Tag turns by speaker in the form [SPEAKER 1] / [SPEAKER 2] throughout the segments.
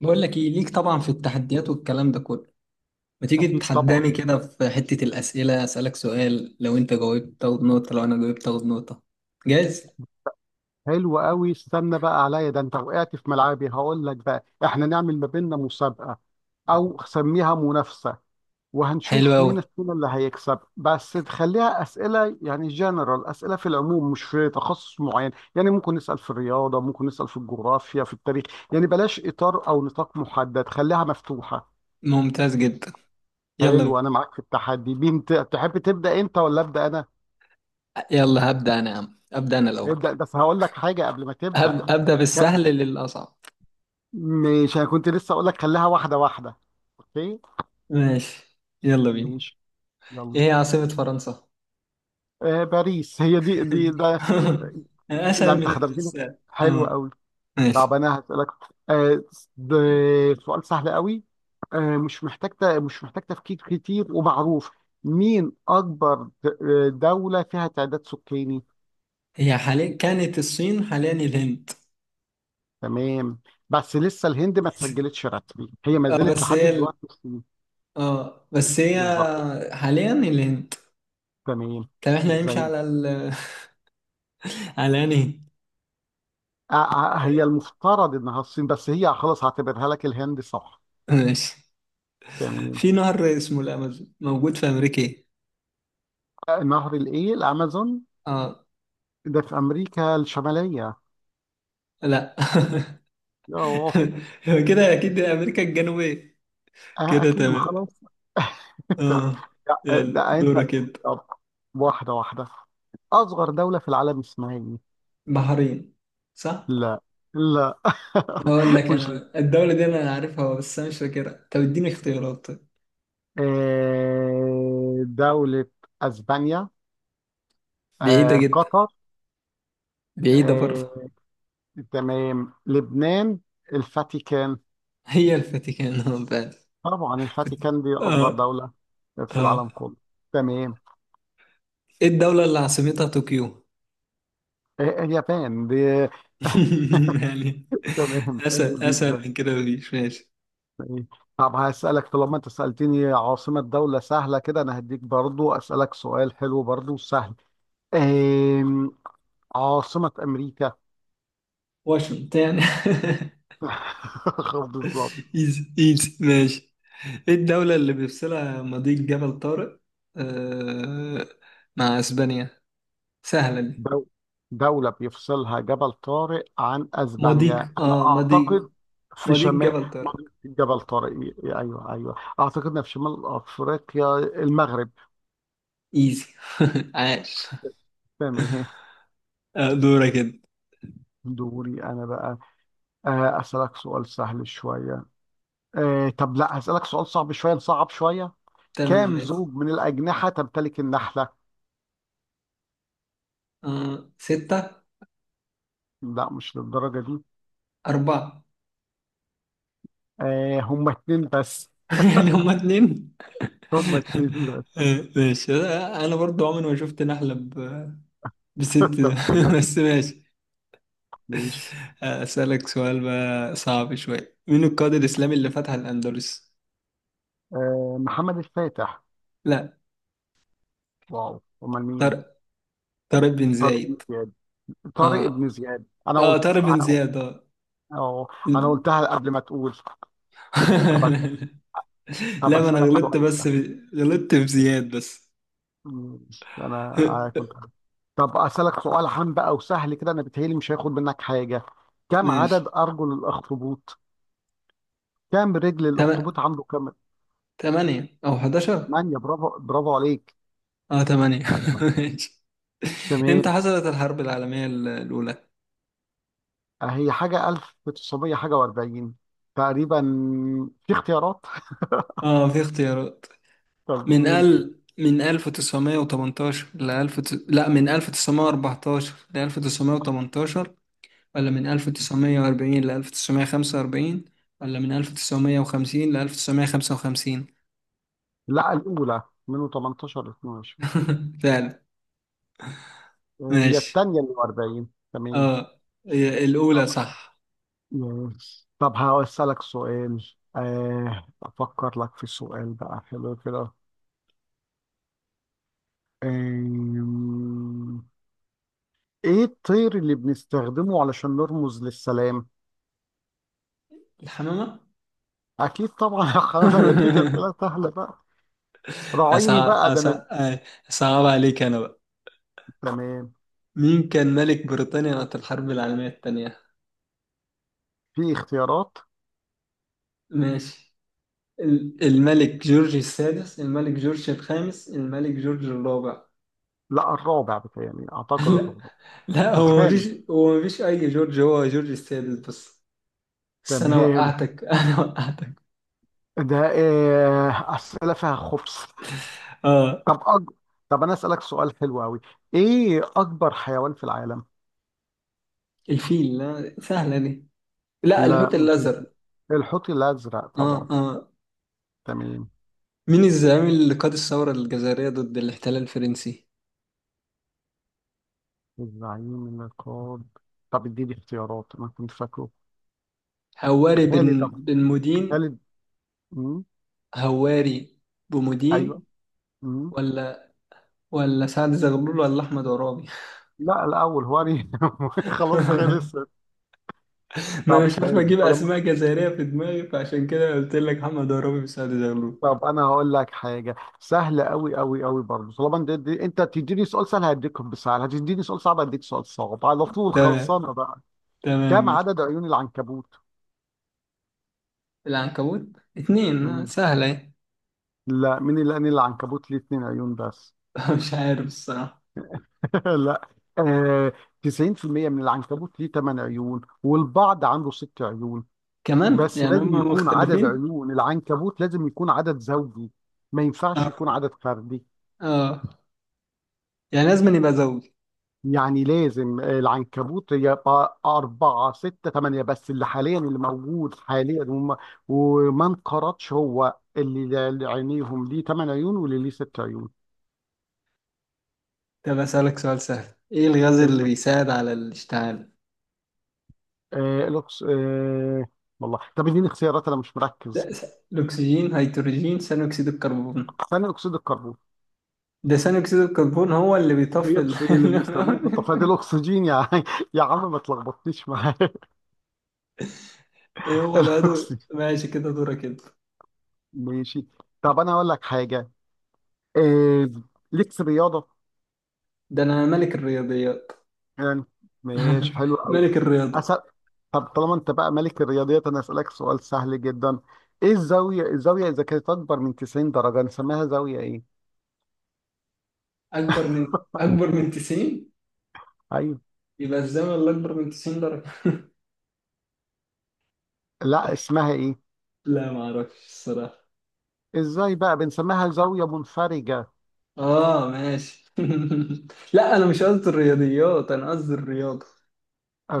[SPEAKER 1] بقول لك ايه ليك، طبعا في التحديات والكلام ده كله. ما تيجي
[SPEAKER 2] اكيد طبعا.
[SPEAKER 1] تتحداني كده في حتة الأسئلة، أسألك سؤال، لو أنت جاوبت تاخد نقطة، لو أنا جاوبت تاخد نقطة. جاهز؟
[SPEAKER 2] حلو قوي، استنى بقى عليا، ده انت وقعت في ملعبي. هقول لك بقى، احنا نعمل ما بيننا مسابقه او سميها منافسه،
[SPEAKER 1] حلو
[SPEAKER 2] وهنشوف مين
[SPEAKER 1] أوي.
[SPEAKER 2] فينا اللي هيكسب. بس تخليها اسئله يعني جنرال، اسئله في العموم مش في تخصص معين. يعني ممكن نسال في الرياضه، ممكن نسال في الجغرافيا، في التاريخ. يعني بلاش اطار او نطاق محدد، خليها مفتوحه.
[SPEAKER 1] ممتاز جدا. يلا.
[SPEAKER 2] حلو، انا معاك في التحدي. مين تحب تبدا، انت ولا ابدا انا؟
[SPEAKER 1] يلا هبدأ أنا، يا عم أبدأ أنا الأول.
[SPEAKER 2] ابدا، بس هقول لك حاجه قبل ما تبدا.
[SPEAKER 1] أبدأ بالسهل للأصعب.
[SPEAKER 2] مش انا كنت لسه اقول لك خليها واحده واحده؟ اوكي،
[SPEAKER 1] ماشي، يلا بينا.
[SPEAKER 2] ماشي
[SPEAKER 1] إيه
[SPEAKER 2] يلا.
[SPEAKER 1] هي عاصمة فرنسا؟
[SPEAKER 2] باريس، هي دي ده. ده
[SPEAKER 1] أسهل
[SPEAKER 2] انت
[SPEAKER 1] من
[SPEAKER 2] خدمتني،
[SPEAKER 1] السهل،
[SPEAKER 2] حلو
[SPEAKER 1] أه.
[SPEAKER 2] قوي. طب
[SPEAKER 1] ماشي.
[SPEAKER 2] انا هسالك. آه ده سؤال سهل قوي. مش محتاج مش محتاج تفكير كتير، ومعروف. مين اكبر دوله فيها تعداد سكاني؟
[SPEAKER 1] هي حاليا كانت الصين، حاليا الهند.
[SPEAKER 2] تمام. بس لسه الهند ما تسجلتش رسمي، هي ما
[SPEAKER 1] اه،
[SPEAKER 2] زالت
[SPEAKER 1] بس
[SPEAKER 2] لحد
[SPEAKER 1] هي.
[SPEAKER 2] دلوقتي مسلمة.
[SPEAKER 1] اه، بس هي.
[SPEAKER 2] بالظبط.
[SPEAKER 1] حاليا الهند.
[SPEAKER 2] تمام.
[SPEAKER 1] طب احنا
[SPEAKER 2] زي
[SPEAKER 1] هنمشي على ال على انهي.
[SPEAKER 2] آه، آه، هي المفترض انها الصين، بس هي خلاص هعتبرها لك الهند، صح.
[SPEAKER 1] هند؟ ماشي.
[SPEAKER 2] تمام.
[SPEAKER 1] في نهر اسمه الامازون موجود في امريكا، ايه؟
[SPEAKER 2] نهر الامازون،
[SPEAKER 1] اه.
[SPEAKER 2] ده في امريكا الشماليه.
[SPEAKER 1] لا.
[SPEAKER 2] اه.
[SPEAKER 1] هو كده اكيد امريكا الجنوبية. كده
[SPEAKER 2] اكيد، ما
[SPEAKER 1] تمام.
[SPEAKER 2] خلاص. تمام.
[SPEAKER 1] اه.
[SPEAKER 2] لا،
[SPEAKER 1] يلا
[SPEAKER 2] ده انت.
[SPEAKER 1] دورك انت.
[SPEAKER 2] طب، واحده واحده. اصغر دوله في العالم اسمها ايه؟
[SPEAKER 1] بحرين. صح؟
[SPEAKER 2] لا، لا.
[SPEAKER 1] اقول لك
[SPEAKER 2] مش ل-
[SPEAKER 1] انا، الدولة دي انا عارفها بس انا مش فاكرها، طب اديني اختيارات طيب.
[SPEAKER 2] آه، دوله اسبانيا.
[SPEAKER 1] بعيدة جدا.
[SPEAKER 2] قطر.
[SPEAKER 1] بعيدة برضه.
[SPEAKER 2] آه، تمام، لبنان. الفاتيكان.
[SPEAKER 1] هي الفاتيكان. آه، فعلا.
[SPEAKER 2] طبعا
[SPEAKER 1] كنت.
[SPEAKER 2] الفاتيكان دي أصغر
[SPEAKER 1] اه.
[SPEAKER 2] دولة في العالم
[SPEAKER 1] اه.
[SPEAKER 2] كله. تمام.
[SPEAKER 1] ايه الدولة اللي عاصمتها طوكيو؟
[SPEAKER 2] إيه- إيه، اليابان دي.
[SPEAKER 1] يعني.
[SPEAKER 2] تمام، حلو
[SPEAKER 1] اسهل اسهل
[SPEAKER 2] جدا.
[SPEAKER 1] من كده مفيش، ماشي.
[SPEAKER 2] إيه. طب هسألك، طالما أنت سألتني عاصمة دولة سهلة كده، أنا هديك برضو أسألك سؤال حلو برضو سهل. أم... عاصمة أمريكا.
[SPEAKER 1] واشنطن يعني.
[SPEAKER 2] بالظبط.
[SPEAKER 1] ايزي ايزي، ماشي. ايه الدولة اللي بيفصلها مضيق جبل طارق، آه، مع اسبانيا؟ سهلة دي.
[SPEAKER 2] دو- دولة بيفصلها جبل طارق عن أسبانيا.
[SPEAKER 1] مضيق
[SPEAKER 2] أنا
[SPEAKER 1] مضيق.
[SPEAKER 2] أعتقد في
[SPEAKER 1] مضيق
[SPEAKER 2] شمال
[SPEAKER 1] جبل طارق.
[SPEAKER 2] جبل طارق. أيوه أيوه، أعتقد إنها في شمال أفريقيا، المغرب.
[SPEAKER 1] ايزي. عاش.
[SPEAKER 2] تمام، إيه.
[SPEAKER 1] آه، دورك انت.
[SPEAKER 2] دوري أنا بقى. أسألك سؤال سهل شوية. طب لا، هسألك سؤال صعب شوية، نصعب شوية.
[SPEAKER 1] تمام،
[SPEAKER 2] كام
[SPEAKER 1] ماشي.
[SPEAKER 2] زوج من الأجنحة تمتلك النحلة؟
[SPEAKER 1] ستة.
[SPEAKER 2] لا، مش للدرجة دي.
[SPEAKER 1] أربعة.
[SPEAKER 2] هما اتنين بس.
[SPEAKER 1] يعني هما اتنين.
[SPEAKER 2] هما اتنين بس.
[SPEAKER 1] آه، ماشي. آه، انا برضو عمري ما شفت نحلة بست
[SPEAKER 2] طب تمام،
[SPEAKER 1] بس، ماشي.
[SPEAKER 2] ماشي.
[SPEAKER 1] أسألك سؤال بقى صعب شوية، مين القائد الإسلامي اللي فتح الأندلس؟
[SPEAKER 2] محمد الفاتح.
[SPEAKER 1] لا.
[SPEAKER 2] واو، امال مين؟
[SPEAKER 1] طارق. طارق بن
[SPEAKER 2] طارق
[SPEAKER 1] زايد.
[SPEAKER 2] بن زياد. طارق
[SPEAKER 1] اه.
[SPEAKER 2] بن زياد، انا
[SPEAKER 1] اه،
[SPEAKER 2] قلت
[SPEAKER 1] طارق بن
[SPEAKER 2] انا.
[SPEAKER 1] زياد، اه.
[SPEAKER 2] اه، انا قلتها قبل ما تقول. طب أس- طب
[SPEAKER 1] لا، ما أنا
[SPEAKER 2] اسالك
[SPEAKER 1] غلطت،
[SPEAKER 2] سؤال سهل.
[SPEAKER 1] غلطت في زياد بس.
[SPEAKER 2] انا كنت. طب اسالك سؤال عام بقى وسهل كده، انا بتهيألي مش هياخد منك حاجه. كم
[SPEAKER 1] ماشي.
[SPEAKER 2] عدد ارجل الاخطبوط؟ كم رجل
[SPEAKER 1] تم...
[SPEAKER 2] الاخطبوط، عنده كم؟
[SPEAKER 1] تمانية أو 11.
[SPEAKER 2] ثمانية، برافو برافو عليك.
[SPEAKER 1] اه، تمانية. ماشي. امتى
[SPEAKER 2] تمام.
[SPEAKER 1] حصلت الحرب العالمية الأولى؟
[SPEAKER 2] هي حاجه 1900 حاجه و40 تقريبا. في اختيارات.
[SPEAKER 1] اه، في اختيارات.
[SPEAKER 2] طب
[SPEAKER 1] من
[SPEAKER 2] قول.
[SPEAKER 1] ال من 1918 ل 1000، لا، من 1914 ل 1918، ولا من 1940 ل 1945، ولا من 1950 ل 1955.
[SPEAKER 2] لا، الاولى من 18 ل 22.
[SPEAKER 1] فعلا.
[SPEAKER 2] هي
[SPEAKER 1] ماشي.
[SPEAKER 2] التانية اللي 40. تمام.
[SPEAKER 1] اه. هي الأولى
[SPEAKER 2] طب.
[SPEAKER 1] صح.
[SPEAKER 2] مم. طب هسألك سؤال. أفكر لك في سؤال بقى حلو كده. آم، إيه الطير اللي بنستخدمه علشان نرمز للسلام؟
[SPEAKER 1] الحمامة.
[SPEAKER 2] أكيد طبعا. يا حرام، أنا بديك أسئلة سهلة بقى. راعيني
[SPEAKER 1] أصعب
[SPEAKER 2] بقى، ده أنا.
[SPEAKER 1] أصعب. أصعب عليك أنا بقى.
[SPEAKER 2] تمام.
[SPEAKER 1] مين كان ملك بريطانيا وقت الحرب العالمية الثانية؟
[SPEAKER 2] في اختيارات.
[SPEAKER 1] ماشي. الملك جورج السادس، الملك جورج الخامس، الملك جورج الرابع.
[SPEAKER 2] لا، الرابع، بتاعي أعتقد
[SPEAKER 1] لا،
[SPEAKER 2] الرابع.
[SPEAKER 1] لا، هو
[SPEAKER 2] الخامس.
[SPEAKER 1] مفيش هو مفيش أي جورج، هو جورج السادس بس. بس أنا
[SPEAKER 2] تمام.
[SPEAKER 1] وقعتك. أنا وقعتك.
[SPEAKER 2] ده أسئلة فيها خبز.
[SPEAKER 1] آه
[SPEAKER 2] طب أج... طب انا اسالك سؤال حلو قوي. ايه اكبر حيوان في العالم؟
[SPEAKER 1] الفيل، لا، سهلة دي. لا،
[SPEAKER 2] لا،
[SPEAKER 1] الحوت
[SPEAKER 2] مش.
[SPEAKER 1] الأزرق.
[SPEAKER 2] الحوت الازرق
[SPEAKER 1] آه،
[SPEAKER 2] طبعا.
[SPEAKER 1] آه.
[SPEAKER 2] تمام.
[SPEAKER 1] مين الزعيم اللي قاد الثورة الجزائرية ضد الاحتلال الفرنسي؟
[SPEAKER 2] الزعيم النقاد. طب اديني اختيارات، انا كنت فاكره.
[SPEAKER 1] هواري
[SPEAKER 2] خالد
[SPEAKER 1] بن
[SPEAKER 2] طبعا،
[SPEAKER 1] بن مودين.
[SPEAKER 2] خالد. مم.
[SPEAKER 1] هواري
[SPEAKER 2] ايوه.
[SPEAKER 1] بمودين.
[SPEAKER 2] مم.
[SPEAKER 1] ولا ولا سعد زغلول، ولا أحمد عرابي؟
[SPEAKER 2] لا الاول، خلاص خلص.
[SPEAKER 1] ما انا
[SPEAKER 2] طب
[SPEAKER 1] مش عارف
[SPEAKER 2] حلو،
[SPEAKER 1] اجيب
[SPEAKER 2] طالما.
[SPEAKER 1] اسماء جزائريه في دماغي، فعشان كده قلت لك محمد عرابي وسعد زغلول.
[SPEAKER 2] طب انا هقول لك حاجه سهله قوي قوي قوي برضه. طالما انت تديني سؤال سهل هديك بسهل، هتديني سؤال صعب هديك سؤال صعب، على طول
[SPEAKER 1] تمام.
[SPEAKER 2] خلصانه بقى.
[SPEAKER 1] تمام،
[SPEAKER 2] كم
[SPEAKER 1] ماشي.
[SPEAKER 2] عدد عيون العنكبوت؟
[SPEAKER 1] العنكبوت. اتنين، آه،
[SPEAKER 2] مم.
[SPEAKER 1] سهله.
[SPEAKER 2] لا، مين اللي قال إن العنكبوت ليه اتنين عيون بس؟
[SPEAKER 1] اهي. مش عارف الصراحه.
[SPEAKER 2] لا. آه، 90% من العنكبوت ليه تمن عيون، والبعض عنده ست عيون.
[SPEAKER 1] كمان
[SPEAKER 2] بس
[SPEAKER 1] يعني
[SPEAKER 2] لازم
[SPEAKER 1] هم
[SPEAKER 2] يكون عدد
[SPEAKER 1] مختلفين.
[SPEAKER 2] عيون العنكبوت، لازم يكون عدد زوجي. ما ينفعش
[SPEAKER 1] اه.
[SPEAKER 2] يكون عدد فردي.
[SPEAKER 1] اه. يعني لازم يبقى زوج.
[SPEAKER 2] يعني لازم العنكبوت يبقى أربعة، ستة، تمانية. بس اللي موجود حاليا وما انقرضش، هو اللي عينيهم ليه تمن عيون واللي ليه ست عيون.
[SPEAKER 1] طب اسالك سؤال سهل، ايه الغاز اللي بيساعد على الاشتعال؟
[SPEAKER 2] آه الأكس... آه والله طب اديني اختيارات، انا مش مركز.
[SPEAKER 1] ده س- الاكسجين، هيدروجين، ثاني اكسيد الكربون.
[SPEAKER 2] ثاني اكسيد الكربون
[SPEAKER 1] ده ثاني اكسيد الكربون هو اللي بيطفي
[SPEAKER 2] بيطفي، اللي بنستخدمه في الطفايه ده الاكسجين يا عم. يا عم ما تلخبطنيش معايا.
[SPEAKER 1] ايه هو العضو.
[SPEAKER 2] الاكسجين.
[SPEAKER 1] ماشي، كده دورك كده.
[SPEAKER 2] ماشي. طب انا هقول لك حاجه. آه ليك في الرياضه،
[SPEAKER 1] ده انا ملك الرياضيات.
[SPEAKER 2] يعني. ماشي حلو قوي.
[SPEAKER 1] ملك الرياضة.
[SPEAKER 2] أسأل... طب طالما انت بقى ملك الرياضيات، انا اسالك سؤال سهل جدا. ايه الزاويه اذا كانت اكبر من 90 درجه، نسميها زاويه ايه؟
[SPEAKER 1] أكبر من 90.
[SPEAKER 2] ايوه.
[SPEAKER 1] يبقى الزمن اللي أكبر من 90 درجة.
[SPEAKER 2] لا، اسمها ايه؟
[SPEAKER 1] لا، ما أعرفش الصراحة.
[SPEAKER 2] ازاي بقى، بنسميها زاويه منفرجه.
[SPEAKER 1] آه، ماشي. لا، أنا مش قصدي الرياضيات، أنا قصدي الرياضة.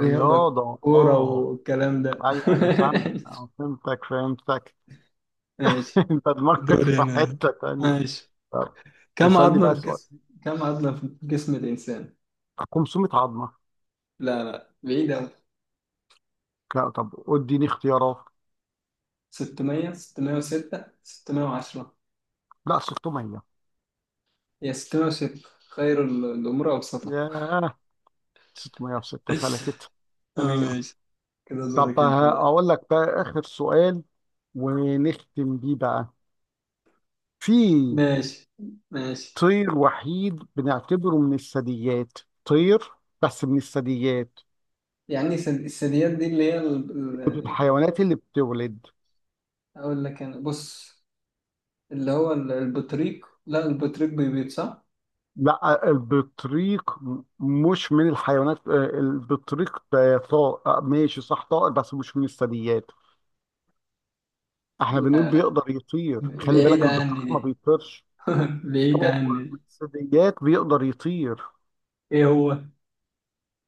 [SPEAKER 1] رياضة. كورة
[SPEAKER 2] اه.
[SPEAKER 1] والكلام ده.
[SPEAKER 2] ايوه ايوه فهمتك، فهمتك، فهمتك.
[SPEAKER 1] ماشي.
[SPEAKER 2] انت دماغك
[SPEAKER 1] دوري
[SPEAKER 2] في
[SPEAKER 1] أنا.
[SPEAKER 2] حتة تانية.
[SPEAKER 1] ماشي.
[SPEAKER 2] طب
[SPEAKER 1] كم
[SPEAKER 2] اسألني بقى
[SPEAKER 1] عظمة في
[SPEAKER 2] سؤال.
[SPEAKER 1] جسم كم عظمة في جسم الإنسان؟
[SPEAKER 2] 500 عظمة.
[SPEAKER 1] لا، لا، بعيد أوي.
[SPEAKER 2] لا. طب اديني اختيارات.
[SPEAKER 1] 600، 606، 610.
[SPEAKER 2] لا، 600.
[SPEAKER 1] هي 606، خير الأمور أوسطها.
[SPEAKER 2] ياه، 600 في 6 فلتت.
[SPEAKER 1] اه،
[SPEAKER 2] تمام.
[SPEAKER 1] ماشي. كده دورك انت بقى.
[SPEAKER 2] اقول لك بقى اخر سؤال ونختم بيه بقى. في
[SPEAKER 1] ماشي. ماشي.
[SPEAKER 2] طير وحيد بنعتبره من الثدييات. طير، بس من الثدييات.
[SPEAKER 1] يعني الثدييات دي اللي هي
[SPEAKER 2] من
[SPEAKER 1] ال-
[SPEAKER 2] الحيوانات اللي بتولد.
[SPEAKER 1] اقول لك انا، بص. اللي هو البطريق، لا، البطريق بيبيض صح؟
[SPEAKER 2] لا، البطريق مش من الحيوانات. البطريق ده طائر، ماشي، صح، طائر، بس مش من الثدييات. احنا بنقول
[SPEAKER 1] لا. لا،
[SPEAKER 2] بيقدر يطير، خلي
[SPEAKER 1] بعيد
[SPEAKER 2] بالك
[SPEAKER 1] عني
[SPEAKER 2] البطريق ما
[SPEAKER 1] دي.
[SPEAKER 2] بيطيرش.
[SPEAKER 1] بعيد عني
[SPEAKER 2] طائر من
[SPEAKER 1] دي.
[SPEAKER 2] الثدييات بيقدر يطير.
[SPEAKER 1] ايه هو؟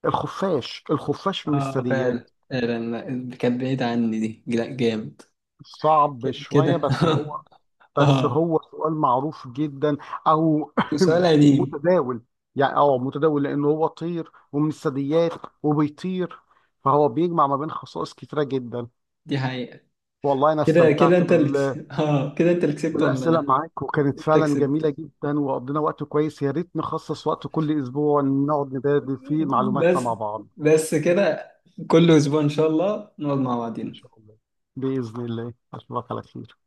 [SPEAKER 2] الخفاش، الخفاش من
[SPEAKER 1] اه،
[SPEAKER 2] الثدييات.
[SPEAKER 1] فعلا فعلا، لا، كانت بعيد عني دي، لا جامد.
[SPEAKER 2] صعب
[SPEAKER 1] كده
[SPEAKER 2] شوية،
[SPEAKER 1] كده.
[SPEAKER 2] بس هو. بس
[SPEAKER 1] اه.
[SPEAKER 2] هو سؤال معروف جدا، او
[SPEAKER 1] وسؤال قديم.
[SPEAKER 2] متداول. يعني متداول، لانه هو طير ومن الثدييات وبيطير، فهو بيجمع ما بين خصائص كتيرة جدا.
[SPEAKER 1] دي حقيقة.
[SPEAKER 2] والله أنا
[SPEAKER 1] كده كده
[SPEAKER 2] استمتعت
[SPEAKER 1] انت اللي كسبت اه كده انت اللي كسبت ولا
[SPEAKER 2] بالأسئلة
[SPEAKER 1] انا؟
[SPEAKER 2] معاك، وكانت
[SPEAKER 1] انت
[SPEAKER 2] فعلا جميلة
[SPEAKER 1] كسبت.
[SPEAKER 2] جدا، وقضينا وقت كويس. يا ريت نخصص وقت كل أسبوع نقعد نبادل فيه معلوماتنا
[SPEAKER 1] بس.
[SPEAKER 2] مع بعض.
[SPEAKER 1] بس كده. كل اسبوع ان شاء الله نقعد مع
[SPEAKER 2] إن
[SPEAKER 1] بعضينا.
[SPEAKER 2] شاء الله، بإذن الله، أشوفك على خير.